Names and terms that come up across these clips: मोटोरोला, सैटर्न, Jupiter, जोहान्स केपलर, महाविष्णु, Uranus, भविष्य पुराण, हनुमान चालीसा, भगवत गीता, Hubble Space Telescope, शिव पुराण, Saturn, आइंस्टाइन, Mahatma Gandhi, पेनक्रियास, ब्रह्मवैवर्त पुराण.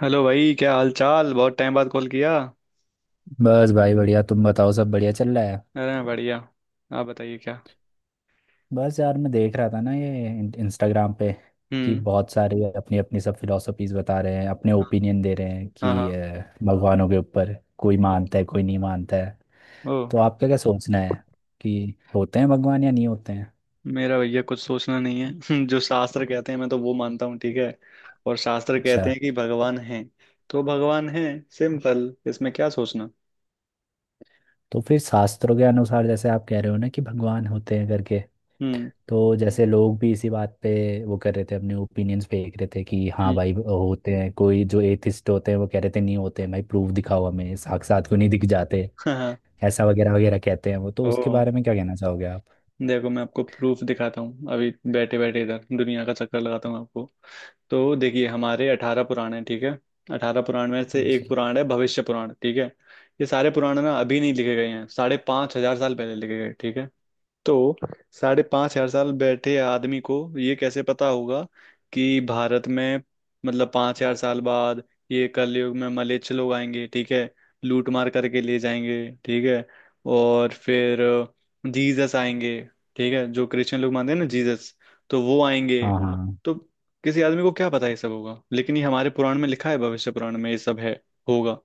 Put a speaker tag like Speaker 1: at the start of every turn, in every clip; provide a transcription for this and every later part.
Speaker 1: Hello भाई, क्या हाल चाल। बहुत टाइम बाद कॉल किया।
Speaker 2: बस भाई बढ़िया। तुम बताओ, सब बढ़िया चल रहा है।
Speaker 1: अरे मैं बढ़िया। आप बताइए क्या।
Speaker 2: बस यार, मैं देख रहा था ना, ये इंस्टाग्राम पे कि
Speaker 1: हम्म।
Speaker 2: बहुत सारे अपनी अपनी सब फिलोसफीज बता रहे हैं, अपने
Speaker 1: हाँ
Speaker 2: ओपिनियन दे रहे हैं
Speaker 1: हाँ।
Speaker 2: कि
Speaker 1: हाँ।
Speaker 2: भगवानों के ऊपर। कोई
Speaker 1: ओके।
Speaker 2: मानता है, कोई नहीं मानता है।
Speaker 1: ओ।
Speaker 2: तो आपका क्या सोचना है कि होते हैं भगवान या नहीं होते हैं?
Speaker 1: मेरा भैया कुछ सोचना नहीं है। जो शास्त्र कहते हैं, मैं तो वो मानता हूँ, ठीक है। और शास्त्र
Speaker 2: अच्छा।
Speaker 1: कहते हैं कि भगवान है, तो भगवान है। सिंपल, इसमें क्या सोचना।
Speaker 2: तो फिर शास्त्रों के अनुसार, जैसे आप कह रहे हो ना कि भगवान होते हैं करके।
Speaker 1: हम्म।
Speaker 2: तो जैसे लोग भी इसी बात पे वो कर रहे थे, अपने ओपिनियंस फेंक रहे थे कि हाँ
Speaker 1: हम्म,
Speaker 2: भाई होते हैं। कोई जो एथिस्ट होते हैं वो कह रहे थे नहीं होते हैं भाई, प्रूफ दिखाओ हमें, साक्षात क्यों नहीं दिख जाते।
Speaker 1: हाँ हाँ।
Speaker 2: ऐसा वगैरह वगैरह कहते हैं वो, तो
Speaker 1: ओ।
Speaker 2: उसके बारे में क्या कहना चाहोगे आप?
Speaker 1: देखो, मैं आपको प्रूफ दिखाता हूँ अभी, बैठे बैठे इधर दुनिया का चक्कर लगाता हूँ आपको। तो देखिए, हमारे 18 पुराण हैं, ठीक है। 18 पुराण में से एक
Speaker 2: जी।
Speaker 1: पुराण है भविष्य पुराण, ठीक है। ये सारे पुराण ना अभी नहीं लिखे गए हैं, 5,500 साल पहले लिखे गए, ठीक है। तो 5,500 साल बैठे आदमी को ये कैसे पता होगा कि भारत में, मतलब 5,000 साल बाद, ये कलयुग में मलेच्छ लोग आएंगे, ठीक है। लूट मार करके ले जाएंगे, ठीक है। और फिर जीसस आएंगे, ठीक है, जो क्रिश्चियन लोग मानते हैं ना, जीसस, तो वो आएंगे।
Speaker 2: हाँ, हाँ।
Speaker 1: तो किसी आदमी को क्या पता ये सब होगा, लेकिन ये हमारे पुराण में लिखा है, भविष्य पुराण में ये सब है। होगा।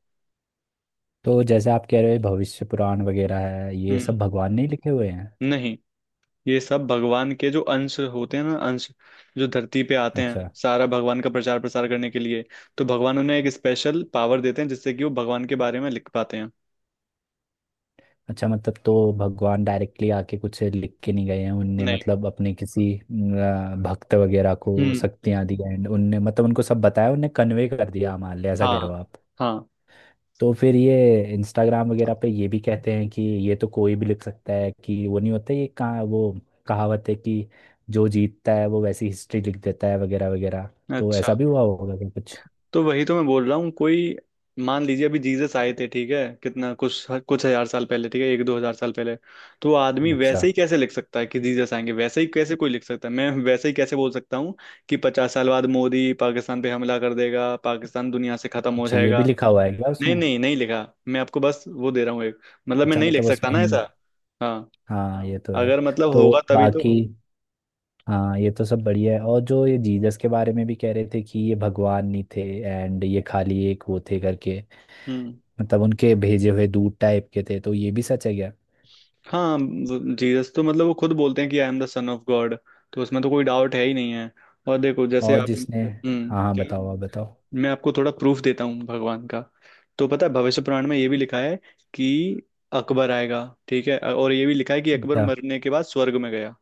Speaker 2: तो जैसे आप कह रहे हो भविष्य पुराण वगैरह है, ये
Speaker 1: हम्म।
Speaker 2: सब भगवान ने ही लिखे हुए हैं।
Speaker 1: नहीं, ये सब भगवान के जो अंश होते हैं ना, अंश, जो धरती पे आते हैं
Speaker 2: अच्छा।
Speaker 1: सारा भगवान का प्रचार प्रसार करने के लिए। तो भगवान उन्हें एक स्पेशल पावर देते हैं जिससे कि वो भगवान के बारे में लिख पाते हैं।
Speaker 2: अच्छा, मतलब तो भगवान डायरेक्टली आके कुछ लिख के नहीं गए हैं, उनने
Speaker 1: नहीं।
Speaker 2: मतलब अपने किसी भक्त वगैरह को
Speaker 1: हम्म।
Speaker 2: शक्तियां दी हैं, उनने मतलब उनको सब बताया, उनने कन्वे कर दिया हमारे लिए, ऐसा
Speaker 1: हाँ।
Speaker 2: कह रहे हो आप?
Speaker 1: हाँ।
Speaker 2: तो फिर ये इंस्टाग्राम वगैरह पे ये भी कहते हैं कि ये तो कोई भी लिख सकता है कि वो नहीं होता, ये कहाँ वो कहावत है कि जो जीतता है वो वैसी हिस्ट्री लिख देता है वगैरह वगैरह। तो ऐसा
Speaker 1: अच्छा,
Speaker 2: भी हुआ होगा क्या कुछ?
Speaker 1: तो वही तो मैं बोल रहा हूँ। कोई, मान लीजिए अभी जीसस आए थे, ठीक है, कितना कुछ कुछ हजार साल पहले, ठीक है, 1–2 हजार साल पहले। तो वो आदमी
Speaker 2: अच्छा।
Speaker 1: वैसे ही कैसे लिख सकता है कि जीसस आएंगे, वैसे ही कैसे कोई लिख सकता है, मैं वैसे ही कैसे बोल सकता हूँ कि 50 साल बाद मोदी पाकिस्तान पे हमला कर देगा, पाकिस्तान दुनिया से खत्म हो
Speaker 2: अच्छा, ये भी
Speaker 1: जाएगा।
Speaker 2: लिखा हुआ है क्या
Speaker 1: नहीं
Speaker 2: उसमें?
Speaker 1: नहीं, नहीं लिखा। मैं आपको बस वो दे रहा हूँ एक, मतलब मैं
Speaker 2: अच्छा,
Speaker 1: नहीं लिख
Speaker 2: मतलब
Speaker 1: सकता
Speaker 2: उसमें
Speaker 1: ना ऐसा। हाँ।
Speaker 2: हाँ, ये तो है।
Speaker 1: अगर मतलब होगा
Speaker 2: तो
Speaker 1: तभी तो।
Speaker 2: बाकी। हाँ, ये तो सब बढ़िया है। और जो ये जीसस के बारे में भी कह रहे थे कि ये भगवान नहीं थे एंड ये खाली एक वो थे करके,
Speaker 1: हम्म।
Speaker 2: मतलब उनके भेजे हुए दूत टाइप के थे, तो ये भी सच है क्या?
Speaker 1: हाँ। जीसस तो, मतलब, वो खुद बोलते हैं कि I am the son of God. तो उसमें तो कोई डाउट है ही नहीं है। और देखो, जैसे
Speaker 2: और
Speaker 1: आप,
Speaker 2: जिसने। हाँ, हाँ,
Speaker 1: क्या।
Speaker 2: बताओ, आप बताओ।
Speaker 1: मैं आपको थोड़ा प्रूफ देता हूँ भगवान का। तो पता है, भविष्य पुराण में ये भी लिखा है कि अकबर आएगा, ठीक है। और ये भी लिखा है कि अकबर
Speaker 2: अच्छा।
Speaker 1: मरने के बाद स्वर्ग में गया।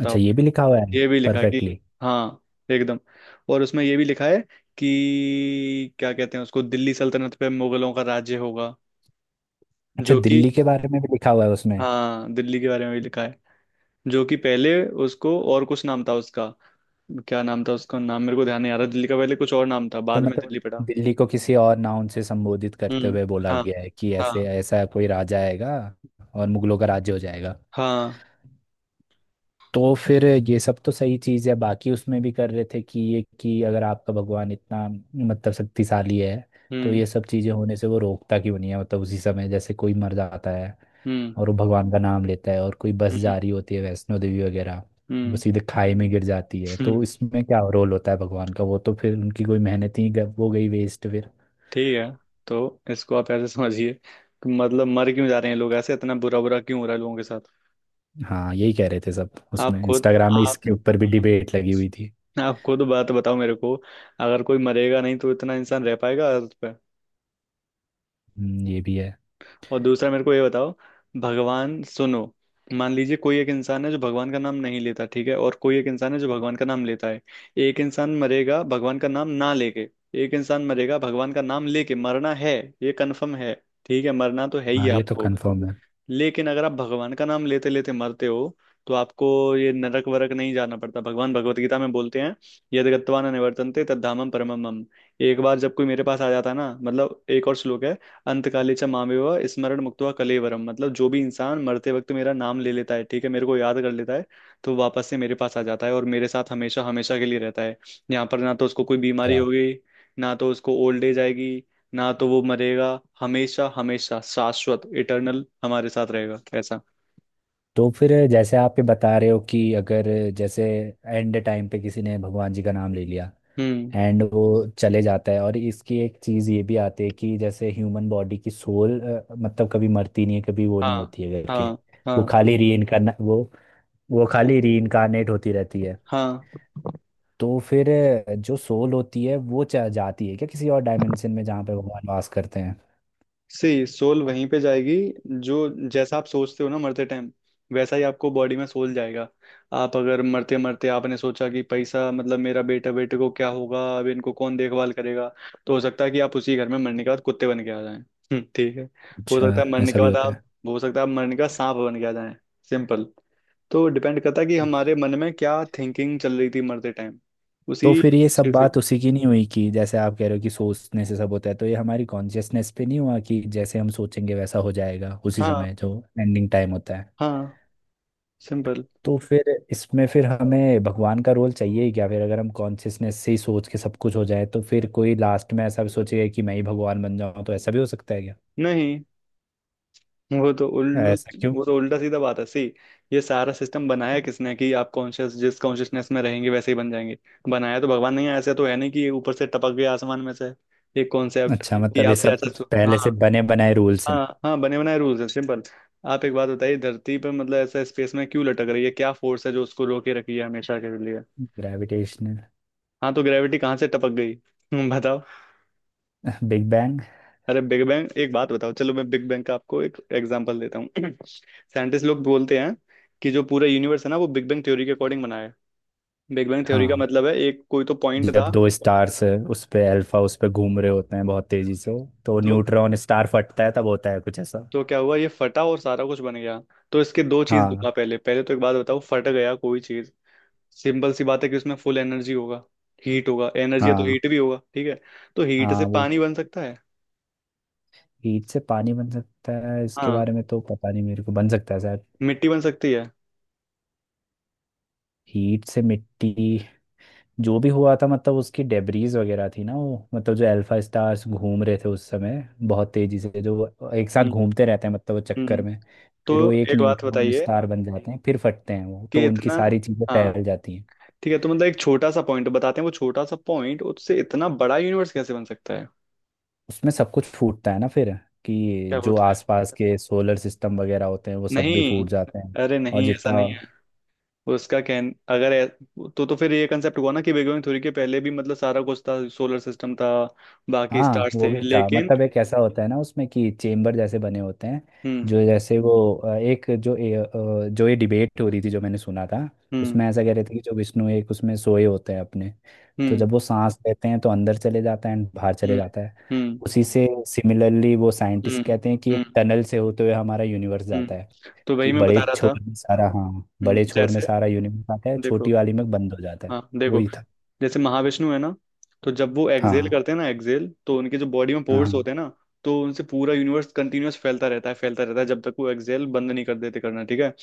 Speaker 2: अच्छा, ये भी लिखा हुआ है।
Speaker 1: ये भी लिखा है कि
Speaker 2: परफेक्टली।
Speaker 1: हाँ, एकदम। और उसमें ये भी लिखा है कि क्या कहते हैं उसको, दिल्ली सल्तनत पे मुगलों का राज्य होगा,
Speaker 2: अच्छा,
Speaker 1: जो कि,
Speaker 2: दिल्ली के बारे में भी लिखा हुआ है उसमें?
Speaker 1: हाँ, दिल्ली के बारे में भी लिखा है। जो कि पहले उसको और कुछ नाम था उसका। क्या नाम था, उसका नाम मेरे को ध्यान नहीं आ रहा। दिल्ली का पहले कुछ और नाम था,
Speaker 2: तो
Speaker 1: बाद में
Speaker 2: मतलब और
Speaker 1: दिल्ली पड़ा।
Speaker 2: दिल्ली को किसी और नाउन से संबोधित करते
Speaker 1: हम्म।
Speaker 2: हुए बोला
Speaker 1: हाँ।
Speaker 2: गया है कि ऐसे,
Speaker 1: हाँ।
Speaker 2: ऐसा कोई राजा आएगा और मुगलों का राज्य हो जाएगा।
Speaker 1: हाँ।
Speaker 2: तो फिर ये सब तो सही चीज़ है। बाकी उसमें भी कर रहे थे कि ये कि अगर आपका भगवान इतना मतलब शक्तिशाली है, तो
Speaker 1: हम्म।
Speaker 2: ये सब चीज़ें होने से वो रोकता क्यों नहीं है, मतलब उसी समय जैसे कोई मर जाता है
Speaker 1: हम्म।
Speaker 2: और वो भगवान का नाम लेता है, और कोई बस
Speaker 1: हम्म।
Speaker 2: जा रही होती है वैष्णो देवी वगैरह, वो
Speaker 1: हम्म।
Speaker 2: सीधे खाई में गिर जाती है, तो
Speaker 1: हम्म,
Speaker 2: इसमें क्या रोल होता है भगवान का? वो तो फिर उनकी कोई मेहनत ही वो गई वेस्ट फिर।
Speaker 1: ठीक है। तो इसको आप ऐसे समझिए कि मतलब मर क्यों जा रहे हैं लोग, ऐसे इतना बुरा बुरा क्यों हो रहा है लोगों के साथ।
Speaker 2: हाँ, यही कह रहे थे सब
Speaker 1: आप
Speaker 2: उसमें,
Speaker 1: खुद,
Speaker 2: इंस्टाग्राम में
Speaker 1: आप
Speaker 2: इसके ऊपर भी डिबेट लगी हुई थी।
Speaker 1: आप खुद बात बताओ मेरे को। अगर कोई मरेगा नहीं तो इतना इंसान रह पाएगा अर्थ पे?
Speaker 2: ये भी है।
Speaker 1: और दूसरा मेरे को ये बताओ, भगवान, सुनो। मान लीजिए कोई एक इंसान है जो भगवान का नाम नहीं लेता, ठीक है, और कोई एक इंसान है जो भगवान का नाम लेता है। एक इंसान मरेगा भगवान का नाम ना लेके, एक इंसान मरेगा भगवान का नाम लेके। मरना है, ये कन्फर्म है, ठीक है। मरना तो है ही
Speaker 2: हाँ, ये तो
Speaker 1: आपको।
Speaker 2: कंफर्म है।
Speaker 1: लेकिन अगर आप भगवान का नाम लेते लेते मरते हो, तो आपको ये नरक वरक नहीं जाना पड़ता। भगवान भगवत गीता में बोलते हैं, यद गत्वा न निवर्तन्ते तद धामम परमम मम। एक बार जब कोई मेरे पास आ जाता है ना, मतलब एक और श्लोक है, अंतकाले च मामेव स्मरण मुक्त्वा कलेवरम। मतलब जो भी इंसान मरते वक्त मेरा नाम ले लेता है, ठीक है, मेरे को याद कर लेता है, तो वापस से मेरे पास आ जाता है और मेरे साथ हमेशा हमेशा के लिए रहता है। यहाँ पर ना तो उसको कोई बीमारी
Speaker 2: अच्छा।
Speaker 1: होगी, ना तो उसको ओल्ड एज आएगी, ना तो वो मरेगा। हमेशा हमेशा, शाश्वत, इटर्नल, हमारे साथ रहेगा, ऐसा।
Speaker 2: तो फिर जैसे आप ये बता रहे हो कि अगर, जैसे एंड टाइम पे किसी ने भगवान जी का नाम ले लिया
Speaker 1: हम्म।
Speaker 2: एंड वो चले जाता है, और इसकी एक चीज़ ये भी आती है कि जैसे ह्यूमन बॉडी की सोल मतलब कभी मरती नहीं है, कभी वो नहीं
Speaker 1: हाँ।
Speaker 2: होती है करके,
Speaker 1: हाँ।
Speaker 2: वो
Speaker 1: हाँ।
Speaker 2: खाली री इनकारना वो वो खाली री इनकारनेट होती रहती है।
Speaker 1: हाँ।
Speaker 2: तो फिर जो सोल होती है वो जाती है क्या किसी और डायमेंशन में, जहाँ पे भगवान वास करते हैं?
Speaker 1: सी, सोल वहीं पे जाएगी, जो, जैसा आप सोचते हो ना मरते टाइम, वैसा ही आपको बॉडी में सोल जाएगा। आप अगर मरते मरते आपने सोचा कि पैसा, मतलब मेरा बेटा, बेटे को क्या होगा, अब इनको कौन देखभाल करेगा, तो हो सकता है कि आप उसी घर में मरने के बाद कुत्ते बन के आ जाएं। ठीक है। हो
Speaker 2: अच्छा,
Speaker 1: सकता है मरने
Speaker 2: ऐसा
Speaker 1: के
Speaker 2: भी
Speaker 1: बाद
Speaker 2: होता
Speaker 1: आप,
Speaker 2: है।
Speaker 1: हो सकता है आप मरने के बाद सांप बन के आ जाएं। सिंपल। तो डिपेंड करता है कि हमारे मन में क्या थिंकिंग चल रही थी मरते टाइम,
Speaker 2: तो
Speaker 1: उसी
Speaker 2: फिर ये सब
Speaker 1: चीज के।
Speaker 2: बात उसी की नहीं हुई कि जैसे आप कह रहे हो कि सोचने से सब होता है, तो ये हमारी कॉन्शियसनेस पे नहीं हुआ कि जैसे हम सोचेंगे वैसा हो जाएगा उसी
Speaker 1: हाँ।
Speaker 2: समय जो एंडिंग टाइम होता है।
Speaker 1: हाँ। सिंपल।
Speaker 2: तो फिर इसमें फिर हमें भगवान का रोल चाहिए ही क्या? फिर अगर हम कॉन्शियसनेस से ही सोच के सब कुछ हो जाए, तो फिर कोई लास्ट में ऐसा भी सोचेगा कि मैं ही भगवान बन जाऊं, तो ऐसा भी हो सकता है क्या?
Speaker 1: नहीं, वो तो उल्लू।
Speaker 2: ऐसा क्यों?
Speaker 1: वो तो उल्टा सीधा बात है। सी, ये सारा सिस्टम बनाया किसने कि आप कॉन्शियस, जिस कॉन्शियसनेस में रहेंगे वैसे ही बन जाएंगे? बनाया तो भगवान ने ही है, ऐसे तो है नहीं कि ये ऊपर से टपक गया आसमान में से। ये कॉन्सेप्ट
Speaker 2: अच्छा।
Speaker 1: कि
Speaker 2: मतलब ये
Speaker 1: आप
Speaker 2: सब
Speaker 1: जैसा
Speaker 2: पहले
Speaker 1: हाँ।
Speaker 2: से बने बनाए रूल्स हैं।
Speaker 1: हाँ हाँ, बने बनाए रूल्स है, सिंपल। आप एक बात बताइए, धरती पर, मतलब ऐसा स्पेस में क्यों लटक रही है, क्या फोर्स है जो उसको रोके रखी है हमेशा के लिए?
Speaker 2: ग्रेविटेशनल।
Speaker 1: हाँ, तो ग्रेविटी कहाँ से टपक गई? बताओ।
Speaker 2: Big bang.
Speaker 1: अरे बिग बैंग, एक बात बताओ। चलो, मैं बिग बैंग का आपको एक एग्जांपल देता हूँ। साइंटिस्ट लोग बोलते हैं कि जो पूरा यूनिवर्स है ना, वो बिग बैंग थ्योरी के अकॉर्डिंग बना है। बिग बैंग थ्योरी का
Speaker 2: हाँ,
Speaker 1: मतलब है एक कोई तो पॉइंट
Speaker 2: जब
Speaker 1: था।
Speaker 2: दो स्टार्स उस पे अल्फा उस पे घूम रहे होते हैं बहुत तेजी से, तो
Speaker 1: तो
Speaker 2: न्यूट्रॉन स्टार फटता है, तब होता है कुछ ऐसा।
Speaker 1: तो क्या हुआ, ये फटा और सारा कुछ बन गया? तो इसके दो चीज दूंगा।
Speaker 2: हाँ,
Speaker 1: पहले पहले तो एक बात बताओ, फट गया कोई चीज, सिंपल सी बात है कि उसमें फुल एनर्जी होगा, हीट होगा। एनर्जी है तो
Speaker 2: हाँ।
Speaker 1: हीट भी होगा, ठीक है। तो हीट
Speaker 2: हाँ,
Speaker 1: से
Speaker 2: वो
Speaker 1: पानी बन सकता है।
Speaker 2: हीट से पानी बन सकता है इसके
Speaker 1: हाँ,
Speaker 2: बारे में तो पता नहीं मेरे को, बन सकता है शायद।
Speaker 1: मिट्टी बन सकती है।
Speaker 2: हीट से मिट्टी? जो भी हुआ था, मतलब उसकी डेब्रीज वगैरह थी ना वो, मतलब जो अल्फा स्टार्स घूम रहे थे उस समय बहुत तेजी से, जो वो एक साथ
Speaker 1: हम्म।
Speaker 2: घूमते रहते हैं, मतलब वो चक्कर
Speaker 1: हम्म।
Speaker 2: में,
Speaker 1: तो
Speaker 2: फिर वो एक
Speaker 1: एक बात
Speaker 2: न्यूट्रॉन
Speaker 1: बताइए
Speaker 2: स्टार बन जाते हैं, फिर फटते हैं वो, तो
Speaker 1: कि
Speaker 2: उनकी
Speaker 1: इतना,
Speaker 2: सारी चीजें
Speaker 1: हाँ,
Speaker 2: फैल जाती हैं।
Speaker 1: ठीक है, तो मतलब एक छोटा सा पॉइंट बताते हैं, वो छोटा सा पॉइंट उससे इतना बड़ा यूनिवर्स कैसे बन सकता है?
Speaker 2: उसमें सब कुछ फूटता है ना फिर, कि
Speaker 1: क्या
Speaker 2: जो
Speaker 1: बोलता है।
Speaker 2: आसपास के सोलर सिस्टम वगैरह होते हैं वो सब भी
Speaker 1: नहीं,
Speaker 2: फूट जाते हैं
Speaker 1: अरे
Speaker 2: और
Speaker 1: नहीं, ऐसा
Speaker 2: जितना।
Speaker 1: नहीं है। उसका कहन अगर तो फिर ये कंसेप्ट हुआ ना कि बिग बैंग थ्योरी के पहले भी, मतलब सारा कुछ था, सोलर सिस्टम था, बाकी
Speaker 2: हाँ,
Speaker 1: स्टार्स
Speaker 2: वो
Speaker 1: थे,
Speaker 2: भी था,
Speaker 1: लेकिन।
Speaker 2: मतलब एक ऐसा होता है ना उसमें कि चेम्बर जैसे बने होते हैं,
Speaker 1: हम्म।
Speaker 2: जो जैसे वो एक जो जो ये डिबेट हो रही थी जो मैंने सुना था,
Speaker 1: हम्म।
Speaker 2: उसमें ऐसा कह रहे थे कि जो विष्णु एक उसमें सोए होते हैं अपने, तो
Speaker 1: हम्म।
Speaker 2: जब वो सांस लेते हैं तो अंदर चले जाता है एंड बाहर चले
Speaker 1: हम्म।
Speaker 2: जाता है।
Speaker 1: हम्म।
Speaker 2: उसी से सिमिलरली वो साइंटिस्ट
Speaker 1: हम्म।
Speaker 2: कहते हैं कि एक
Speaker 1: हम्म।
Speaker 2: टनल से होते हुए हमारा यूनिवर्स जाता
Speaker 1: हम्म।
Speaker 2: है,
Speaker 1: तो वही
Speaker 2: कि
Speaker 1: मैं
Speaker 2: बड़े
Speaker 1: बता रहा
Speaker 2: छोर
Speaker 1: था।
Speaker 2: में सारा हाँ, बड़े छोर में
Speaker 1: जैसे
Speaker 2: सारा यूनिवर्स आता है,
Speaker 1: देखो।
Speaker 2: छोटी वाली में बंद हो जाता है।
Speaker 1: हाँ देखो,
Speaker 2: वही था।
Speaker 1: जैसे महाविष्णु है ना, तो जब वो एक्सहेल
Speaker 2: हाँ,
Speaker 1: करते हैं ना, एक्सहेल, तो उनके जो बॉडी में
Speaker 2: हाँ,
Speaker 1: पोर्स
Speaker 2: हाँ,
Speaker 1: होते हैं ना, तो उनसे पूरा यूनिवर्स कंटिन्यूअस फैलता रहता है, फैलता रहता है, जब तक वो एक्सहेल बंद नहीं कर देते करना, ठीक है।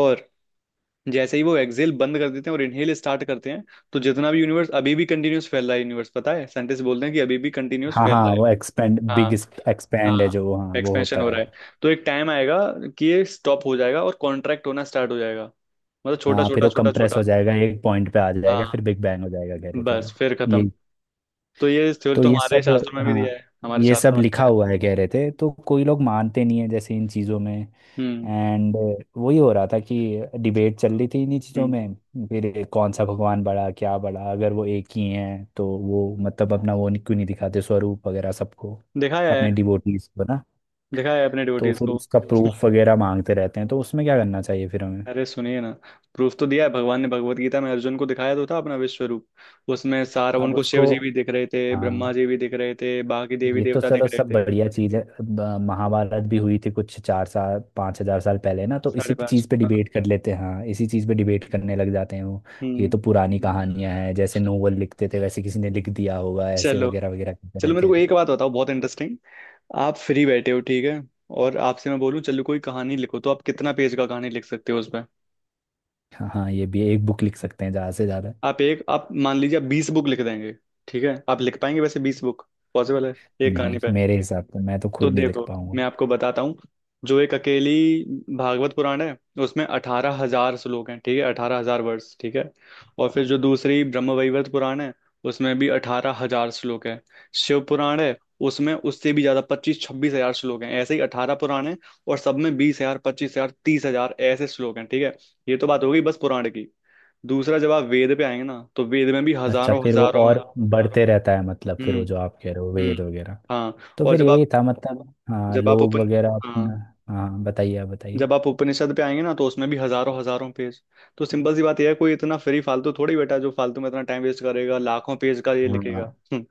Speaker 1: और जैसे ही वो एक्सहेल बंद कर देते हैं और इनहेल स्टार्ट करते हैं, तो जितना भी यूनिवर्स अभी भी कंटिन्यूअस फैल रहा है, यूनिवर्स, पता है, साइंटिस्ट बोलते हैं कि अभी भी कंटिन्यूअस
Speaker 2: हाँ,
Speaker 1: फैल
Speaker 2: हाँ,
Speaker 1: रहा है।
Speaker 2: वो एक्सपेंड बिग,
Speaker 1: हाँ।
Speaker 2: एक्सपेंड है
Speaker 1: हाँ,
Speaker 2: जो वो, हाँ, वो
Speaker 1: एक्सपेंशन
Speaker 2: होता
Speaker 1: हो रहा
Speaker 2: है।
Speaker 1: है। तो एक टाइम आएगा कि ये स्टॉप हो जाएगा और कॉन्ट्रैक्ट होना स्टार्ट हो जाएगा, मतलब छोटा
Speaker 2: हाँ, फिर
Speaker 1: छोटा
Speaker 2: वो
Speaker 1: छोटा
Speaker 2: कंप्रेस हो
Speaker 1: छोटा।
Speaker 2: जाएगा, एक पॉइंट पे आ जाएगा, फिर
Speaker 1: हाँ,
Speaker 2: बिग बैंग हो जाएगा, कह रहे थे
Speaker 1: बस
Speaker 2: वो।
Speaker 1: फिर
Speaker 2: ये
Speaker 1: खत्म। तो ये थ्योरी
Speaker 2: तो।
Speaker 1: तो
Speaker 2: ये
Speaker 1: हमारे
Speaker 2: सब।
Speaker 1: शास्त्रों में भी दिया
Speaker 2: हाँ,
Speaker 1: है, हमारे
Speaker 2: ये सब
Speaker 1: शास्त्रों में भी
Speaker 2: लिखा
Speaker 1: दिया
Speaker 2: हुआ है कह रहे थे, तो कोई लोग मानते नहीं है जैसे इन चीज़ों में।
Speaker 1: है। हम्म।
Speaker 2: एंड वही हो रहा था कि डिबेट चल रही थी इन्हीं चीज़ों
Speaker 1: हम्म।
Speaker 2: में। फिर कौन सा भगवान बड़ा, क्या बड़ा, अगर वो एक ही है तो वो मतलब अपना वो नहीं- क्यों नहीं दिखाते स्वरूप वगैरह सबको,
Speaker 1: दिखाया है,
Speaker 2: अपने डिवोटीज को ना?
Speaker 1: दिखाया है अपने
Speaker 2: तो
Speaker 1: डिवोटीज
Speaker 2: फिर
Speaker 1: को।
Speaker 2: उसका प्रूफ वगैरह मांगते रहते हैं, तो उसमें क्या करना चाहिए फिर हमें?
Speaker 1: अरे सुनिए ना, प्रूफ तो दिया है भगवान ने। भगवत गीता में अर्जुन को दिखाया तो था अपना विश्व रूप। उसमें सारा
Speaker 2: अब
Speaker 1: उनको शिव
Speaker 2: उसको।
Speaker 1: जी भी दिख रहे थे,
Speaker 2: हाँ,
Speaker 1: ब्रह्मा जी भी दिख रहे थे, बाकी देवी
Speaker 2: ये तो
Speaker 1: देवता दिख
Speaker 2: चलो
Speaker 1: रहे
Speaker 2: सब
Speaker 1: थे।
Speaker 2: बढ़िया चीज है। अब, महाभारत भी हुई थी कुछ चार साल 5 हजार साल पहले ना, तो
Speaker 1: साढ़े
Speaker 2: इसी
Speaker 1: पांच,
Speaker 2: चीज पे
Speaker 1: हाँ।
Speaker 2: डिबेट कर लेते हैं। हाँ, इसी चीज पे डिबेट करने लग जाते हैं वो, ये
Speaker 1: हम्म।
Speaker 2: तो पुरानी कहानियां हैं, जैसे नोवेल लिखते थे वैसे किसी ने लिख दिया होगा, ऐसे
Speaker 1: चलो,
Speaker 2: वगैरह वगैरह करते
Speaker 1: चलो
Speaker 2: रहते
Speaker 1: मेरे को
Speaker 2: हैं।
Speaker 1: एक बात बताओ, बहुत इंटरेस्टिंग। आप फ्री बैठे हो, ठीक है, और आपसे मैं बोलूं चलो कोई कहानी लिखो, तो आप कितना पेज का कहानी लिख सकते हो उस?
Speaker 2: हाँ, हाँ, ये भी एक बुक लिख सकते हैं ज्यादा से ज्यादा।
Speaker 1: आप मान लीजिए आप 20 बुक लिख देंगे, ठीक है, आप लिख पाएंगे वैसे 20 बुक, पॉसिबल है, एक कहानी
Speaker 2: नहीं,
Speaker 1: पे?
Speaker 2: मेरे हिसाब से मैं तो
Speaker 1: तो
Speaker 2: खुद नहीं लिख
Speaker 1: देखो,
Speaker 2: पाऊंगा।
Speaker 1: मैं आपको बताता हूँ। जो एक अकेली भागवत पुराण है, उसमें 18,000 श्लोक हैं, ठीक है, 18,000 वर्ष, ठीक है। और फिर जो दूसरी ब्रह्मवैवर्त पुराण है, उसमें भी 18,000 श्लोक है। शिव पुराण है, उसमें उससे भी ज्यादा, 25–26 हजार श्लोक हैं। ऐसे ही 18 पुराण हैं, और सब में 20,000, 25,000, 30,000 ऐसे श्लोक हैं, ठीक है। ये तो बात हो गई बस पुराण की। दूसरा जब आप वेद पे आएंगे ना, तो वेद में भी
Speaker 2: तो अच्छा,
Speaker 1: हजारों
Speaker 2: फिर वो
Speaker 1: हजारों।
Speaker 2: और बढ़ते रहता है, मतलब
Speaker 1: हम्म।
Speaker 2: फिर वो जो आप कह रहे हो
Speaker 1: हम्म।
Speaker 2: वेद वगैरह।
Speaker 1: हाँ।
Speaker 2: तो
Speaker 1: और
Speaker 2: फिर
Speaker 1: जब
Speaker 2: यही
Speaker 1: आप,
Speaker 2: था मतलब। हाँ,
Speaker 1: जब आप
Speaker 2: लोग
Speaker 1: उपन
Speaker 2: वगैरह
Speaker 1: हाँ
Speaker 2: अपना। हाँ, बताइए, आप बताइए।
Speaker 1: जब आप उपनिषद पे आएंगे ना, तो उसमें भी हजारों हजारों पेज। तो सिंपल सी बात यह है, कोई इतना फ्री फालतू थोड़ी बैठा है जो फालतू में इतना टाइम वेस्ट करेगा, लाखों पेज का ये
Speaker 2: हाँ,
Speaker 1: लिखेगा। हम्म,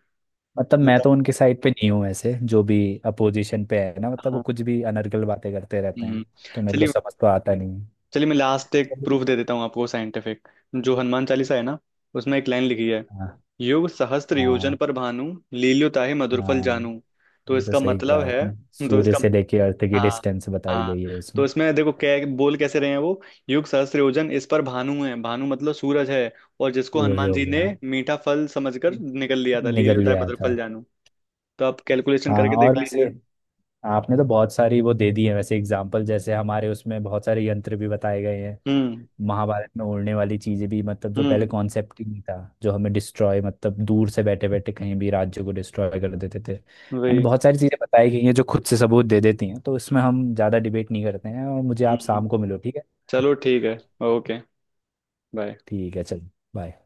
Speaker 2: मतलब मैं
Speaker 1: बताओ।
Speaker 2: तो उनके साइड पे नहीं हूँ, ऐसे जो भी अपोजिशन पे है ना, मतलब वो
Speaker 1: हाँ।
Speaker 2: कुछ भी अनर्गल बातें करते रहते हैं।
Speaker 1: हम्म।
Speaker 2: तो मेरे को
Speaker 1: चलिए,
Speaker 2: समझ तो आता नहीं है।
Speaker 1: चलिए मैं लास्ट एक
Speaker 2: चलो।
Speaker 1: प्रूफ दे देता हूँ आपको, साइंटिफिक। जो हनुमान चालीसा है ना, उसमें एक लाइन लिखी है,
Speaker 2: हाँ,
Speaker 1: युग सहस्त्र योजन
Speaker 2: हाँ।
Speaker 1: पर भानु, लील्यो ताहि मधुर फल
Speaker 2: हाँ,
Speaker 1: जानू। तो
Speaker 2: ये तो
Speaker 1: इसका
Speaker 2: सही
Speaker 1: मतलब
Speaker 2: कहा
Speaker 1: है,
Speaker 2: आपने,
Speaker 1: तो
Speaker 2: सूर्य
Speaker 1: इसका,
Speaker 2: से लेके अर्थ की
Speaker 1: हाँ,
Speaker 2: डिस्टेंस बताई
Speaker 1: हाँ,
Speaker 2: गई है उसमें।
Speaker 1: तो इसमें देखो क्या बोल कैसे रहे हैं वो। युग सहस्त्र योजन इस पर भानु है। भानु मतलब सूरज है, और जिसको
Speaker 2: सूर्य
Speaker 1: हनुमान
Speaker 2: हो
Speaker 1: जी ने
Speaker 2: गया,
Speaker 1: मीठा फल समझकर निकल लिया था, ले
Speaker 2: निगल
Speaker 1: लिया,
Speaker 2: लिया
Speaker 1: मधुर
Speaker 2: था।
Speaker 1: फल जानू। तो आप कैलकुलेशन
Speaker 2: हाँ,
Speaker 1: करके देख
Speaker 2: और वैसे
Speaker 1: लीजिए।
Speaker 2: आपने तो बहुत सारी वो दे दी है वैसे एग्जाम्पल, जैसे हमारे उसमें बहुत सारे यंत्र भी बताए गए हैं।
Speaker 1: हम्म।
Speaker 2: महाभारत में उड़ने वाली चीजें भी, मतलब जो पहले
Speaker 1: हम्म।
Speaker 2: कॉन्सेप्ट ही नहीं था, जो हमें डिस्ट्रॉय मतलब दूर से बैठे बैठे कहीं भी राज्य को डिस्ट्रॉय कर देते थे। एंड
Speaker 1: वही।
Speaker 2: बहुत सारी चीजें बताई गई हैं जो खुद से सबूत दे देती हैं, तो इसमें हम ज्यादा डिबेट नहीं करते हैं। और मुझे आप
Speaker 1: हम्म।
Speaker 2: शाम को मिलो, ठीक है?
Speaker 1: चलो ठीक है। ओके। बाय।
Speaker 2: ठीक है, चलो, बाय।